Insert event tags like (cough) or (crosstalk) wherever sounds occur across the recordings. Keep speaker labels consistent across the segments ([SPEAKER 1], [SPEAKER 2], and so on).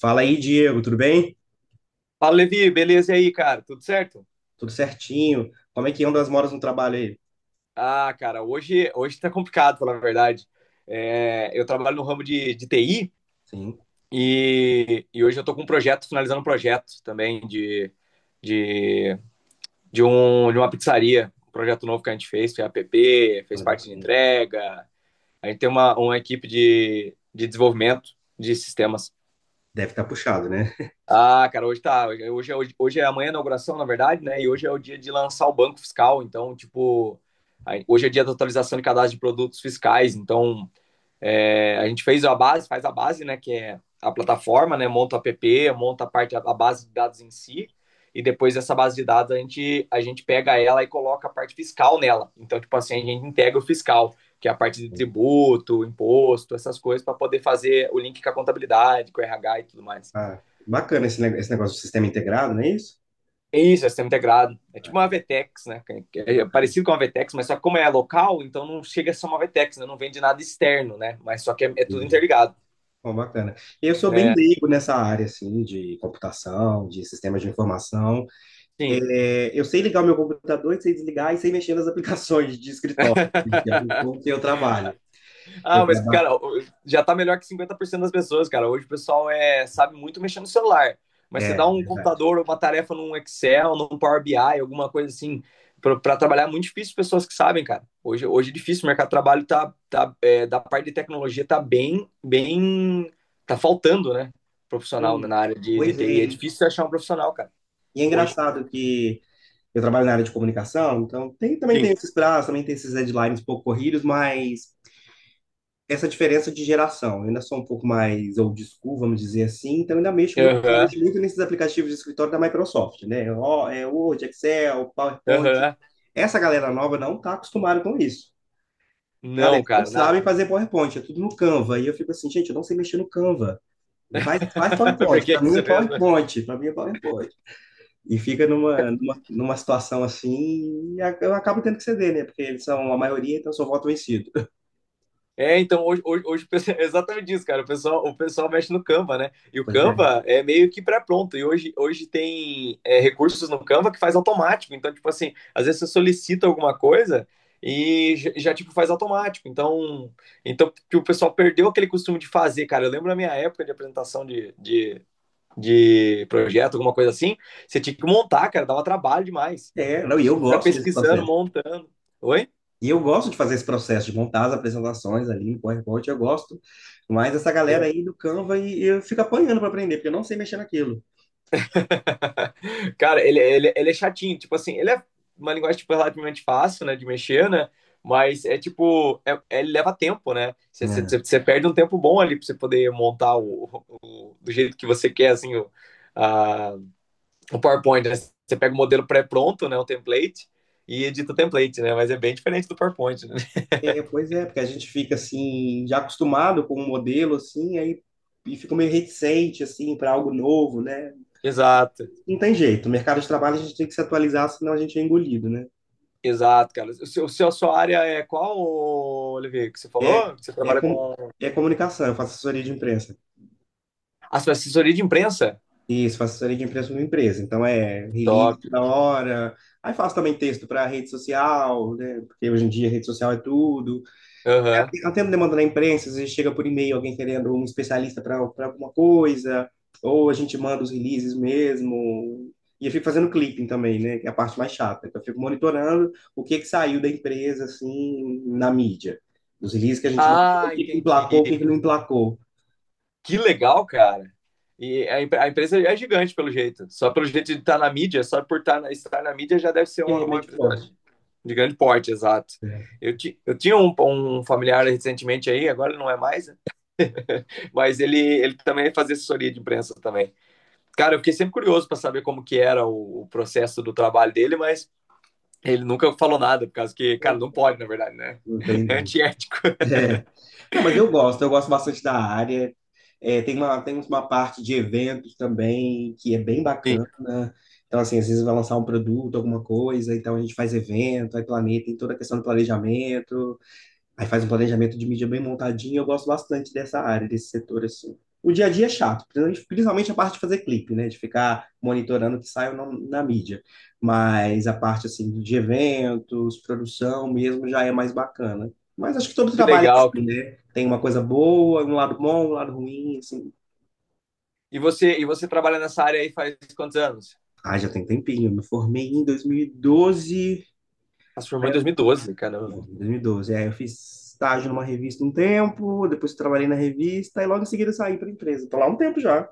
[SPEAKER 1] Fala aí, Diego, tudo bem?
[SPEAKER 2] Fala, Levi, beleza e aí, cara? Tudo certo?
[SPEAKER 1] Tudo certinho? Como é que andam as moras no trabalho aí?
[SPEAKER 2] Ah, cara, hoje, hoje tá complicado, falar a verdade. É, eu trabalho no ramo de TI
[SPEAKER 1] Sim,
[SPEAKER 2] e hoje eu tô com um projeto, finalizando um projeto também de, de uma pizzaria. Um projeto novo que a gente fez app, fez
[SPEAKER 1] olha,
[SPEAKER 2] parte de
[SPEAKER 1] bacana.
[SPEAKER 2] entrega. A gente tem uma equipe de desenvolvimento de sistemas.
[SPEAKER 1] Deve estar puxado, né?
[SPEAKER 2] Ah, cara, hoje tá. Hoje é amanhã a inauguração, na verdade, né? E hoje é o dia de lançar o banco fiscal. Então, tipo, hoje é dia da atualização de cadastro de produtos fiscais. Então, é, a gente fez a base, faz a base, né? Que é a plataforma, né? Monta o app, monta a parte, a base de dados em si. E depois dessa base de dados, a gente pega ela e coloca a parte fiscal nela. Então, tipo assim, a gente integra o fiscal, que é a parte de
[SPEAKER 1] (laughs)
[SPEAKER 2] tributo, imposto, essas coisas, para poder fazer o link com a contabilidade, com o RH e tudo mais.
[SPEAKER 1] Ah, bacana esse negócio do sistema integrado, não é isso?
[SPEAKER 2] Isso, é sistema integrado. É tipo uma
[SPEAKER 1] Ah,
[SPEAKER 2] VTEX, né? É
[SPEAKER 1] bacana,
[SPEAKER 2] parecido com uma VTEX, mas só que como é local, então não chega a ser uma VTEX, né? Não vende nada externo, né? Mas só que é tudo
[SPEAKER 1] entendi.
[SPEAKER 2] interligado.
[SPEAKER 1] Bom, bacana. Eu sou bem
[SPEAKER 2] É,
[SPEAKER 1] leigo nessa área, assim, de computação, de sistemas de informação.
[SPEAKER 2] sim.
[SPEAKER 1] É, eu sei ligar o meu computador e sei desligar e sei mexer nas (laughs) aplicações de escritório, assim, que é um
[SPEAKER 2] (laughs)
[SPEAKER 1] pouco que eu trabalho. Eu
[SPEAKER 2] Ah, mas,
[SPEAKER 1] trabalho...
[SPEAKER 2] cara, já tá melhor que 50% das pessoas, cara. Hoje o pessoal é, sabe muito mexer no celular. Mas você dá
[SPEAKER 1] É,
[SPEAKER 2] um
[SPEAKER 1] verdade.
[SPEAKER 2] computador ou uma tarefa num Excel, num Power BI, alguma coisa assim, pra trabalhar, é muito difícil pessoas que sabem, cara. Hoje é difícil, o mercado de trabalho tá, da parte de tecnologia tá bem, tá faltando, né? Profissional
[SPEAKER 1] Hum,
[SPEAKER 2] na área de
[SPEAKER 1] pois
[SPEAKER 2] TI. É
[SPEAKER 1] é.
[SPEAKER 2] difícil você achar um profissional, cara,
[SPEAKER 1] E é
[SPEAKER 2] hoje.
[SPEAKER 1] engraçado que... Eu trabalho na área de comunicação, então tem, também tem
[SPEAKER 2] Sim.
[SPEAKER 1] esses prazos, também tem esses deadlines um pouco corridos, mas essa diferença de geração, eu ainda sou um pouco mais old school, vamos dizer assim, então ainda
[SPEAKER 2] Aham,
[SPEAKER 1] mexo muito nesses aplicativos de escritório da Microsoft, né? Ó, é Word, Excel, PowerPoint.
[SPEAKER 2] aham.
[SPEAKER 1] Essa galera nova não está acostumada com isso. Cara,
[SPEAKER 2] Não,
[SPEAKER 1] eles não
[SPEAKER 2] cara,
[SPEAKER 1] sabem
[SPEAKER 2] nada.
[SPEAKER 1] fazer PowerPoint, é tudo no Canva. E eu fico assim, gente, eu não sei mexer no Canva. Faz
[SPEAKER 2] (laughs) Por
[SPEAKER 1] PowerPoint,
[SPEAKER 2] que
[SPEAKER 1] para
[SPEAKER 2] que
[SPEAKER 1] mim é
[SPEAKER 2] você fez? Né?
[SPEAKER 1] PowerPoint, para mim é PowerPoint. E fica numa situação assim, e eu acabo tendo que ceder, né? Porque eles são a maioria, então eu sou voto vencido. (laughs)
[SPEAKER 2] É, então hoje o pessoal- (laughs) é exatamente isso, cara. O pessoal mexe no Canva, né? E o
[SPEAKER 1] Pois é.
[SPEAKER 2] Canva é meio que pré-pronto. E hoje tem é, recursos no Canva que faz automático. Então, tipo assim, às vezes você solicita alguma coisa e já, tipo faz automático. Então, então tipo, o pessoal perdeu aquele costume de fazer, cara. Eu lembro na minha época de apresentação de projeto, alguma coisa assim, você tinha que montar, cara. Dava trabalho demais.
[SPEAKER 1] É, não,
[SPEAKER 2] Você
[SPEAKER 1] e
[SPEAKER 2] tinha
[SPEAKER 1] eu
[SPEAKER 2] que ficar
[SPEAKER 1] gosto desse
[SPEAKER 2] pesquisando,
[SPEAKER 1] processo.
[SPEAKER 2] montando. Oi?
[SPEAKER 1] E eu gosto de fazer esse processo, de montar as apresentações ali em PowerPoint, eu gosto. Mas essa galera aí do Canva, e eu fico apanhando para aprender, porque eu não sei mexer naquilo.
[SPEAKER 2] (laughs) Cara, ele é chatinho, tipo assim, ele é uma linguagem tipo, relativamente fácil, né, de mexer, né? Mas é tipo, ele leva tempo, né? Você você- você-
[SPEAKER 1] Ah.
[SPEAKER 2] você perde um tempo bom ali pra você poder montar do jeito que você quer, assim, a- o PowerPoint, né? Você pega o modelo pré-pronto, né, o template, e edita o template, né? Mas é bem diferente do PowerPoint, né? (laughs)
[SPEAKER 1] É, pois é, porque a gente fica assim, já acostumado com um modelo assim, aí e fica meio reticente assim para algo novo, né?
[SPEAKER 2] Exato,
[SPEAKER 1] Não tem jeito, o mercado de trabalho a gente tem que se atualizar, senão a gente é engolido, né?
[SPEAKER 2] exato, cara. A sua área é qual, Olivier, que você
[SPEAKER 1] É,
[SPEAKER 2] falou? Que você
[SPEAKER 1] é,
[SPEAKER 2] trabalha
[SPEAKER 1] com,
[SPEAKER 2] com
[SPEAKER 1] é comunicação, eu faço assessoria de imprensa.
[SPEAKER 2] a sua assessoria de imprensa?
[SPEAKER 1] Isso, faço assessoria de imprensa numa empresa. Então é release
[SPEAKER 2] Top.
[SPEAKER 1] na hora. Aí faço também texto para rede social, né? Porque hoje em dia rede social é tudo.
[SPEAKER 2] Aham.
[SPEAKER 1] Eu atendo demanda na imprensa, às vezes chega por e-mail alguém querendo um especialista para alguma coisa, ou a gente manda os releases mesmo. E eu fico fazendo clipping também, né? Que é a parte mais chata. Que eu fico monitorando o que que saiu da empresa, assim, na mídia. Os releases que a gente mandou, o
[SPEAKER 2] Ah,
[SPEAKER 1] que que
[SPEAKER 2] entendi.
[SPEAKER 1] emplacou, o que que não emplacou.
[SPEAKER 2] Que legal, cara. A empresa é gigante, pelo jeito. Só pelo jeito de estar na mídia, só por estar na mídia já deve ser uma,
[SPEAKER 1] É,
[SPEAKER 2] uma
[SPEAKER 1] médio
[SPEAKER 2] empresa
[SPEAKER 1] porte.
[SPEAKER 2] de grande porte, exato.
[SPEAKER 1] É.
[SPEAKER 2] Eu tinha um familiar recentemente aí, agora ele não é mais, né? (laughs) Mas ele também fazia assessoria de imprensa também. Cara, eu fiquei sempre curioso para saber como que era o processo do trabalho dele, mas ele nunca falou nada, por causa que, cara, não pode, na verdade, né? (laughs) É
[SPEAKER 1] Entendi.
[SPEAKER 2] antiético.
[SPEAKER 1] É. Não, mas eu gosto bastante da área. É, tem uma parte de eventos também que é bem
[SPEAKER 2] Sim.
[SPEAKER 1] bacana. Então, assim, às vezes vai lançar um produto, alguma coisa, então a gente faz evento, aí planeja, tem toda a questão do planejamento. Aí faz um planejamento de mídia bem montadinho, eu gosto bastante dessa área, desse setor, assim. O dia a dia é chato, principalmente a parte de fazer clipe, né? De ficar monitorando o que sai na, na mídia. Mas a parte, assim, de eventos, produção mesmo, já é mais bacana. Mas acho que todo
[SPEAKER 2] Que
[SPEAKER 1] trabalho é
[SPEAKER 2] legal.
[SPEAKER 1] assim, né? Tem uma coisa boa, um lado bom, um lado ruim, assim.
[SPEAKER 2] E você trabalha nessa área aí faz quantos anos?
[SPEAKER 1] Ah, já tem tempinho, eu me formei em dois mil e doze.
[SPEAKER 2] Ela formou em 2012,
[SPEAKER 1] Em
[SPEAKER 2] caramba.
[SPEAKER 1] 2012. Aí eu fiz estágio numa revista um tempo, depois trabalhei na revista e logo em seguida saí para a empresa. Estou lá há um tempo já.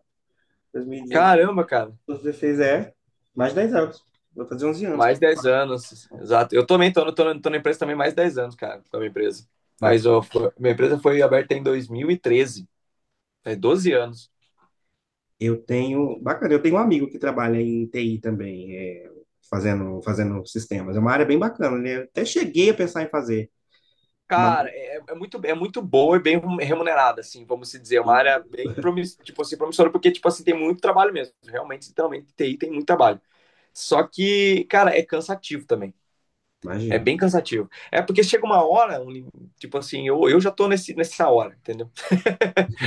[SPEAKER 2] Caramba, cara.
[SPEAKER 1] 2016, é mais de 10 anos. Vou fazer 11 anos.
[SPEAKER 2] Mais 10 anos, exato. Eu também tô na empresa também mais 10 anos, cara, com a minha empresa. Mas
[SPEAKER 1] Baca-
[SPEAKER 2] ó, minha empresa foi aberta em 2013, faz 12 anos.
[SPEAKER 1] Bacana, eu tenho um amigo que trabalha em TI também, é, fazendo sistemas. É uma área bem bacana, né? Eu até cheguei a pensar em fazer, mas
[SPEAKER 2] Cara, é muito, é muito boa e bem remunerada, assim, vamos se dizer. É uma área bem promissora, tipo assim, promissora, porque, tipo assim, tem muito trabalho mesmo. Realmente, literalmente, TI tem muito trabalho. Só que, cara, é cansativo também. É
[SPEAKER 1] imagino.
[SPEAKER 2] bem cansativo. É porque chega uma hora, tipo assim, eu já tô nessa hora, entendeu?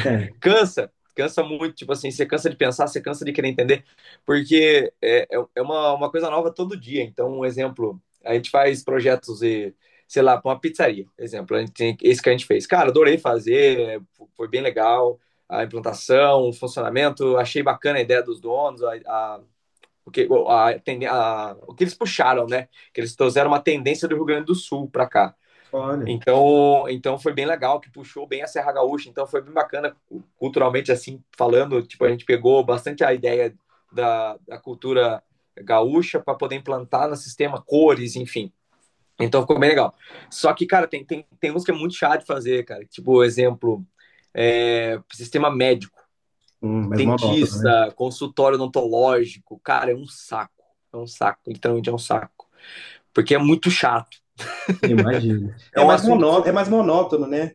[SPEAKER 1] É,
[SPEAKER 2] Cansa, cansa muito, tipo assim, você cansa de pensar, você cansa de querer entender, porque é uma coisa nova todo dia. Então, um exemplo, a gente faz projetos e, sei lá, para uma pizzaria, exemplo, a gente tem, esse que a gente fez. Cara, adorei fazer, é, foi bem legal a implantação, o funcionamento, achei bacana a ideia dos donos, o que, a, o que eles puxaram, né? Que eles trouxeram uma tendência do Rio Grande do Sul para cá.
[SPEAKER 1] olha,
[SPEAKER 2] Então, então foi bem legal, que puxou bem a Serra Gaúcha, então foi bem bacana culturalmente assim falando, tipo a gente pegou bastante a ideia da cultura gaúcha para poder implantar no sistema cores, enfim. Então ficou bem legal. Só que cara, tem uns que é muito chato de fazer, cara. Tipo, exemplo, é, sistema médico,
[SPEAKER 1] mais monótono, né?
[SPEAKER 2] dentista, consultório odontológico, cara, é um saco. É um saco, literalmente é um saco, porque é muito chato.
[SPEAKER 1] Imagino.
[SPEAKER 2] É
[SPEAKER 1] É
[SPEAKER 2] um
[SPEAKER 1] mais
[SPEAKER 2] assunto que
[SPEAKER 1] monó, é
[SPEAKER 2] você.
[SPEAKER 1] mais monótono, né?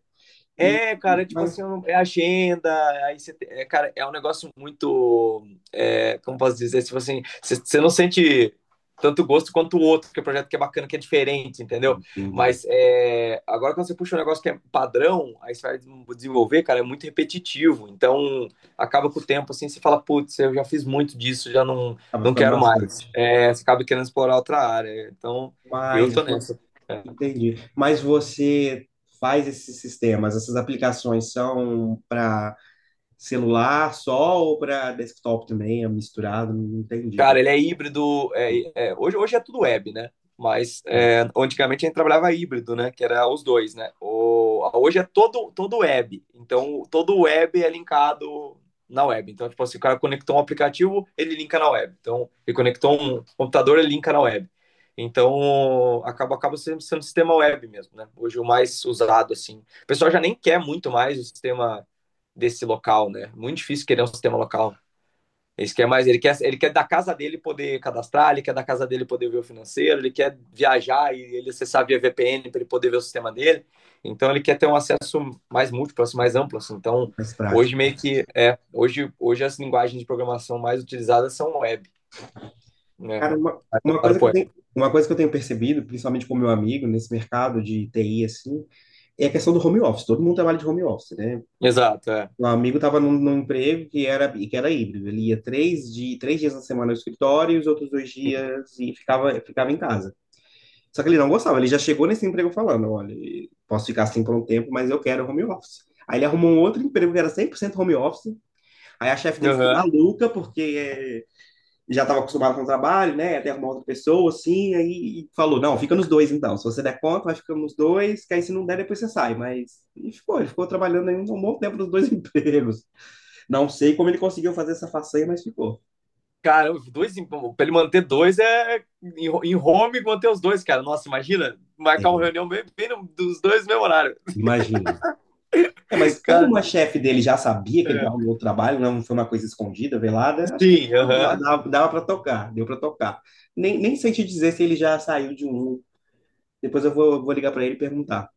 [SPEAKER 1] E,
[SPEAKER 2] É, cara, tipo
[SPEAKER 1] mas,
[SPEAKER 2] assim, eu não- é agenda, aí você, é, cara, é um negócio muito, é, como posso dizer, tipo assim, você não sente tanto gosto quanto o outro, porque o projeto que é bacana, que é diferente, entendeu?
[SPEAKER 1] entendi.
[SPEAKER 2] Mas é, agora quando você puxa um negócio que é padrão, aí você vai desenvolver, cara, é muito repetitivo, então acaba com o tempo, assim, você fala, putz, eu já fiz muito disso, já não,
[SPEAKER 1] Tava
[SPEAKER 2] não
[SPEAKER 1] ficando
[SPEAKER 2] quero mais.
[SPEAKER 1] bastante.
[SPEAKER 2] É, você acaba querendo explorar outra área, então eu
[SPEAKER 1] Mas
[SPEAKER 2] tô
[SPEAKER 1] você,
[SPEAKER 2] nessa. É.
[SPEAKER 1] Entendi. Mas você faz esses sistemas, essas aplicações são para celular só ou para desktop também? É misturado? Não entendi.
[SPEAKER 2] Cara, ele é híbrido. É, hoje é tudo web, né? Mas
[SPEAKER 1] Não,
[SPEAKER 2] é, antigamente a gente trabalhava híbrido, né? Que era os dois, né? Hoje é todo web. Então, todo web é linkado na web. Então, tipo assim, o cara conectou um aplicativo, ele linka na web. Então, ele conectou um computador, ele linka na web. Então, acaba sendo, sendo um sistema web mesmo, né? Hoje o mais usado, assim. O pessoal já nem quer muito mais o sistema desse local, né? Muito difícil querer um sistema local. Ele quer mais, ele quer da casa dele poder cadastrar, ele quer da casa dele poder ver o financeiro, ele quer viajar e ele acessar via VPN para ele poder ver o sistema dele. Então ele quer ter um acesso mais múltiplo, assim, mais amplo. Assim. Então
[SPEAKER 1] não
[SPEAKER 2] hoje
[SPEAKER 1] prático.
[SPEAKER 2] meio que é, hoje as linguagens de programação mais utilizadas são web, né?
[SPEAKER 1] Cara, uma coisa que eu tenho percebido, principalmente com meu amigo nesse mercado de TI assim, é a questão do home office. Todo mundo trabalha de home office, né?
[SPEAKER 2] Exato, é.
[SPEAKER 1] Um amigo estava num emprego que era híbrido. Ele ia três dias na semana no escritório e os outros dois dias e ficava em casa. Só que ele não gostava, ele já chegou nesse emprego falando, olha, posso ficar assim por um tempo, mas eu quero home office. Aí ele arrumou um outro emprego que era 100% home office. Aí a chefe dele ficou
[SPEAKER 2] Uhum.
[SPEAKER 1] maluca, porque já estava acostumado com o trabalho, né? Até arrumar outra pessoa, assim. Aí e falou: não, fica nos dois então. Se você der conta, vai ficando nos dois, que aí se não der, depois você sai. Mas. E ficou, ele ficou trabalhando aí um bom tempo nos dois (laughs) empregos. Não sei como ele conseguiu fazer essa façanha, mas ficou.
[SPEAKER 2] Cara, dois para ele manter dois é em home manter os dois, cara. Nossa, imagina marcar uma
[SPEAKER 1] Eh,
[SPEAKER 2] reunião bem no dos dois no mesmo horário.
[SPEAKER 1] Imagina. É, mas como
[SPEAKER 2] Cara,
[SPEAKER 1] uma chefe dele já sabia que ele estava
[SPEAKER 2] é.
[SPEAKER 1] no outro trabalho, não foi uma coisa escondida, velada, acho que
[SPEAKER 2] Sim,
[SPEAKER 1] dava,
[SPEAKER 2] aham. Uhum.
[SPEAKER 1] dava, dava para tocar, deu para tocar. Nem sei te dizer se ele já saiu de um. Depois eu vou ligar para ele e perguntar.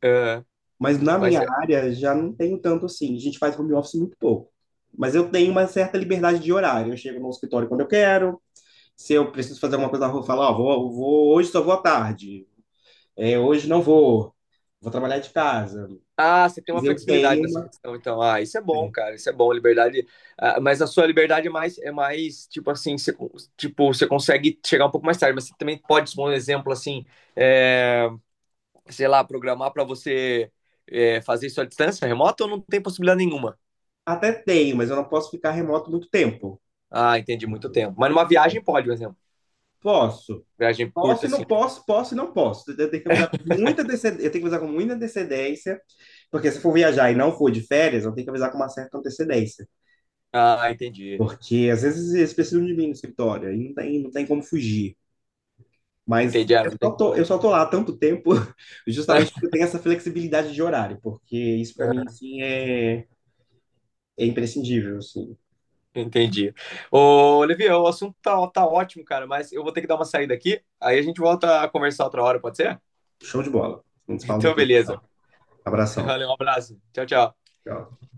[SPEAKER 2] É,
[SPEAKER 1] Mas na
[SPEAKER 2] mas
[SPEAKER 1] minha
[SPEAKER 2] é.
[SPEAKER 1] área já não tenho tanto assim. A gente faz home office muito pouco. Mas eu tenho uma certa liberdade de horário. Eu chego no escritório quando eu quero. Se eu preciso fazer alguma coisa na rua, eu falo, ó, hoje só vou à tarde. É, hoje não vou. Vou trabalhar de casa.
[SPEAKER 2] Ah, você tem
[SPEAKER 1] Mas
[SPEAKER 2] uma
[SPEAKER 1] eu
[SPEAKER 2] flexibilidade
[SPEAKER 1] tenho
[SPEAKER 2] nessa
[SPEAKER 1] uma.
[SPEAKER 2] questão, então. Ah, isso é bom, cara. Isso é bom, liberdade. Ah, mas a sua liberdade é mais tipo assim, tipo, você consegue chegar um pouco mais tarde, mas você também pode, por um exemplo, assim, é, sei lá, programar para você é, fazer isso à distância, remota, ou não tem possibilidade nenhuma?
[SPEAKER 1] Até tenho, mas eu não posso ficar remoto muito tempo.
[SPEAKER 2] Ah, entendi, muito
[SPEAKER 1] Tipo,
[SPEAKER 2] tempo. Mas numa viagem pode, por exemplo.
[SPEAKER 1] posso.
[SPEAKER 2] Viagem
[SPEAKER 1] Posso
[SPEAKER 2] curta,
[SPEAKER 1] e
[SPEAKER 2] assim.
[SPEAKER 1] não posso, posso e não posso. Eu tenho que avisar com muita antecedência, eu tenho que avisar com muita antecedência, porque se for viajar e não for de férias, eu tenho que avisar com uma certa antecedência,
[SPEAKER 2] Ah, entendi.
[SPEAKER 1] porque às vezes eles precisam de mim no escritório e não tem, não tem como fugir. Mas
[SPEAKER 2] Entendi, ah,
[SPEAKER 1] eu
[SPEAKER 2] não
[SPEAKER 1] só
[SPEAKER 2] tem.
[SPEAKER 1] tô, eu só tô lá há tanto tempo, (laughs) justamente porque eu
[SPEAKER 2] (laughs)
[SPEAKER 1] tenho essa flexibilidade de horário, porque isso para mim sim é, é imprescindível, assim.
[SPEAKER 2] Entendi. Ô, Olivia, o assunto tá ótimo, cara, mas eu vou ter que dar uma saída aqui, aí a gente volta a conversar outra hora, pode ser?
[SPEAKER 1] Show de bola. A gente se fala
[SPEAKER 2] Então,
[SPEAKER 1] depois.
[SPEAKER 2] beleza.
[SPEAKER 1] Tá?
[SPEAKER 2] (laughs)
[SPEAKER 1] Abração.
[SPEAKER 2] Valeu, um abraço. Tchau, tchau.
[SPEAKER 1] Tchau.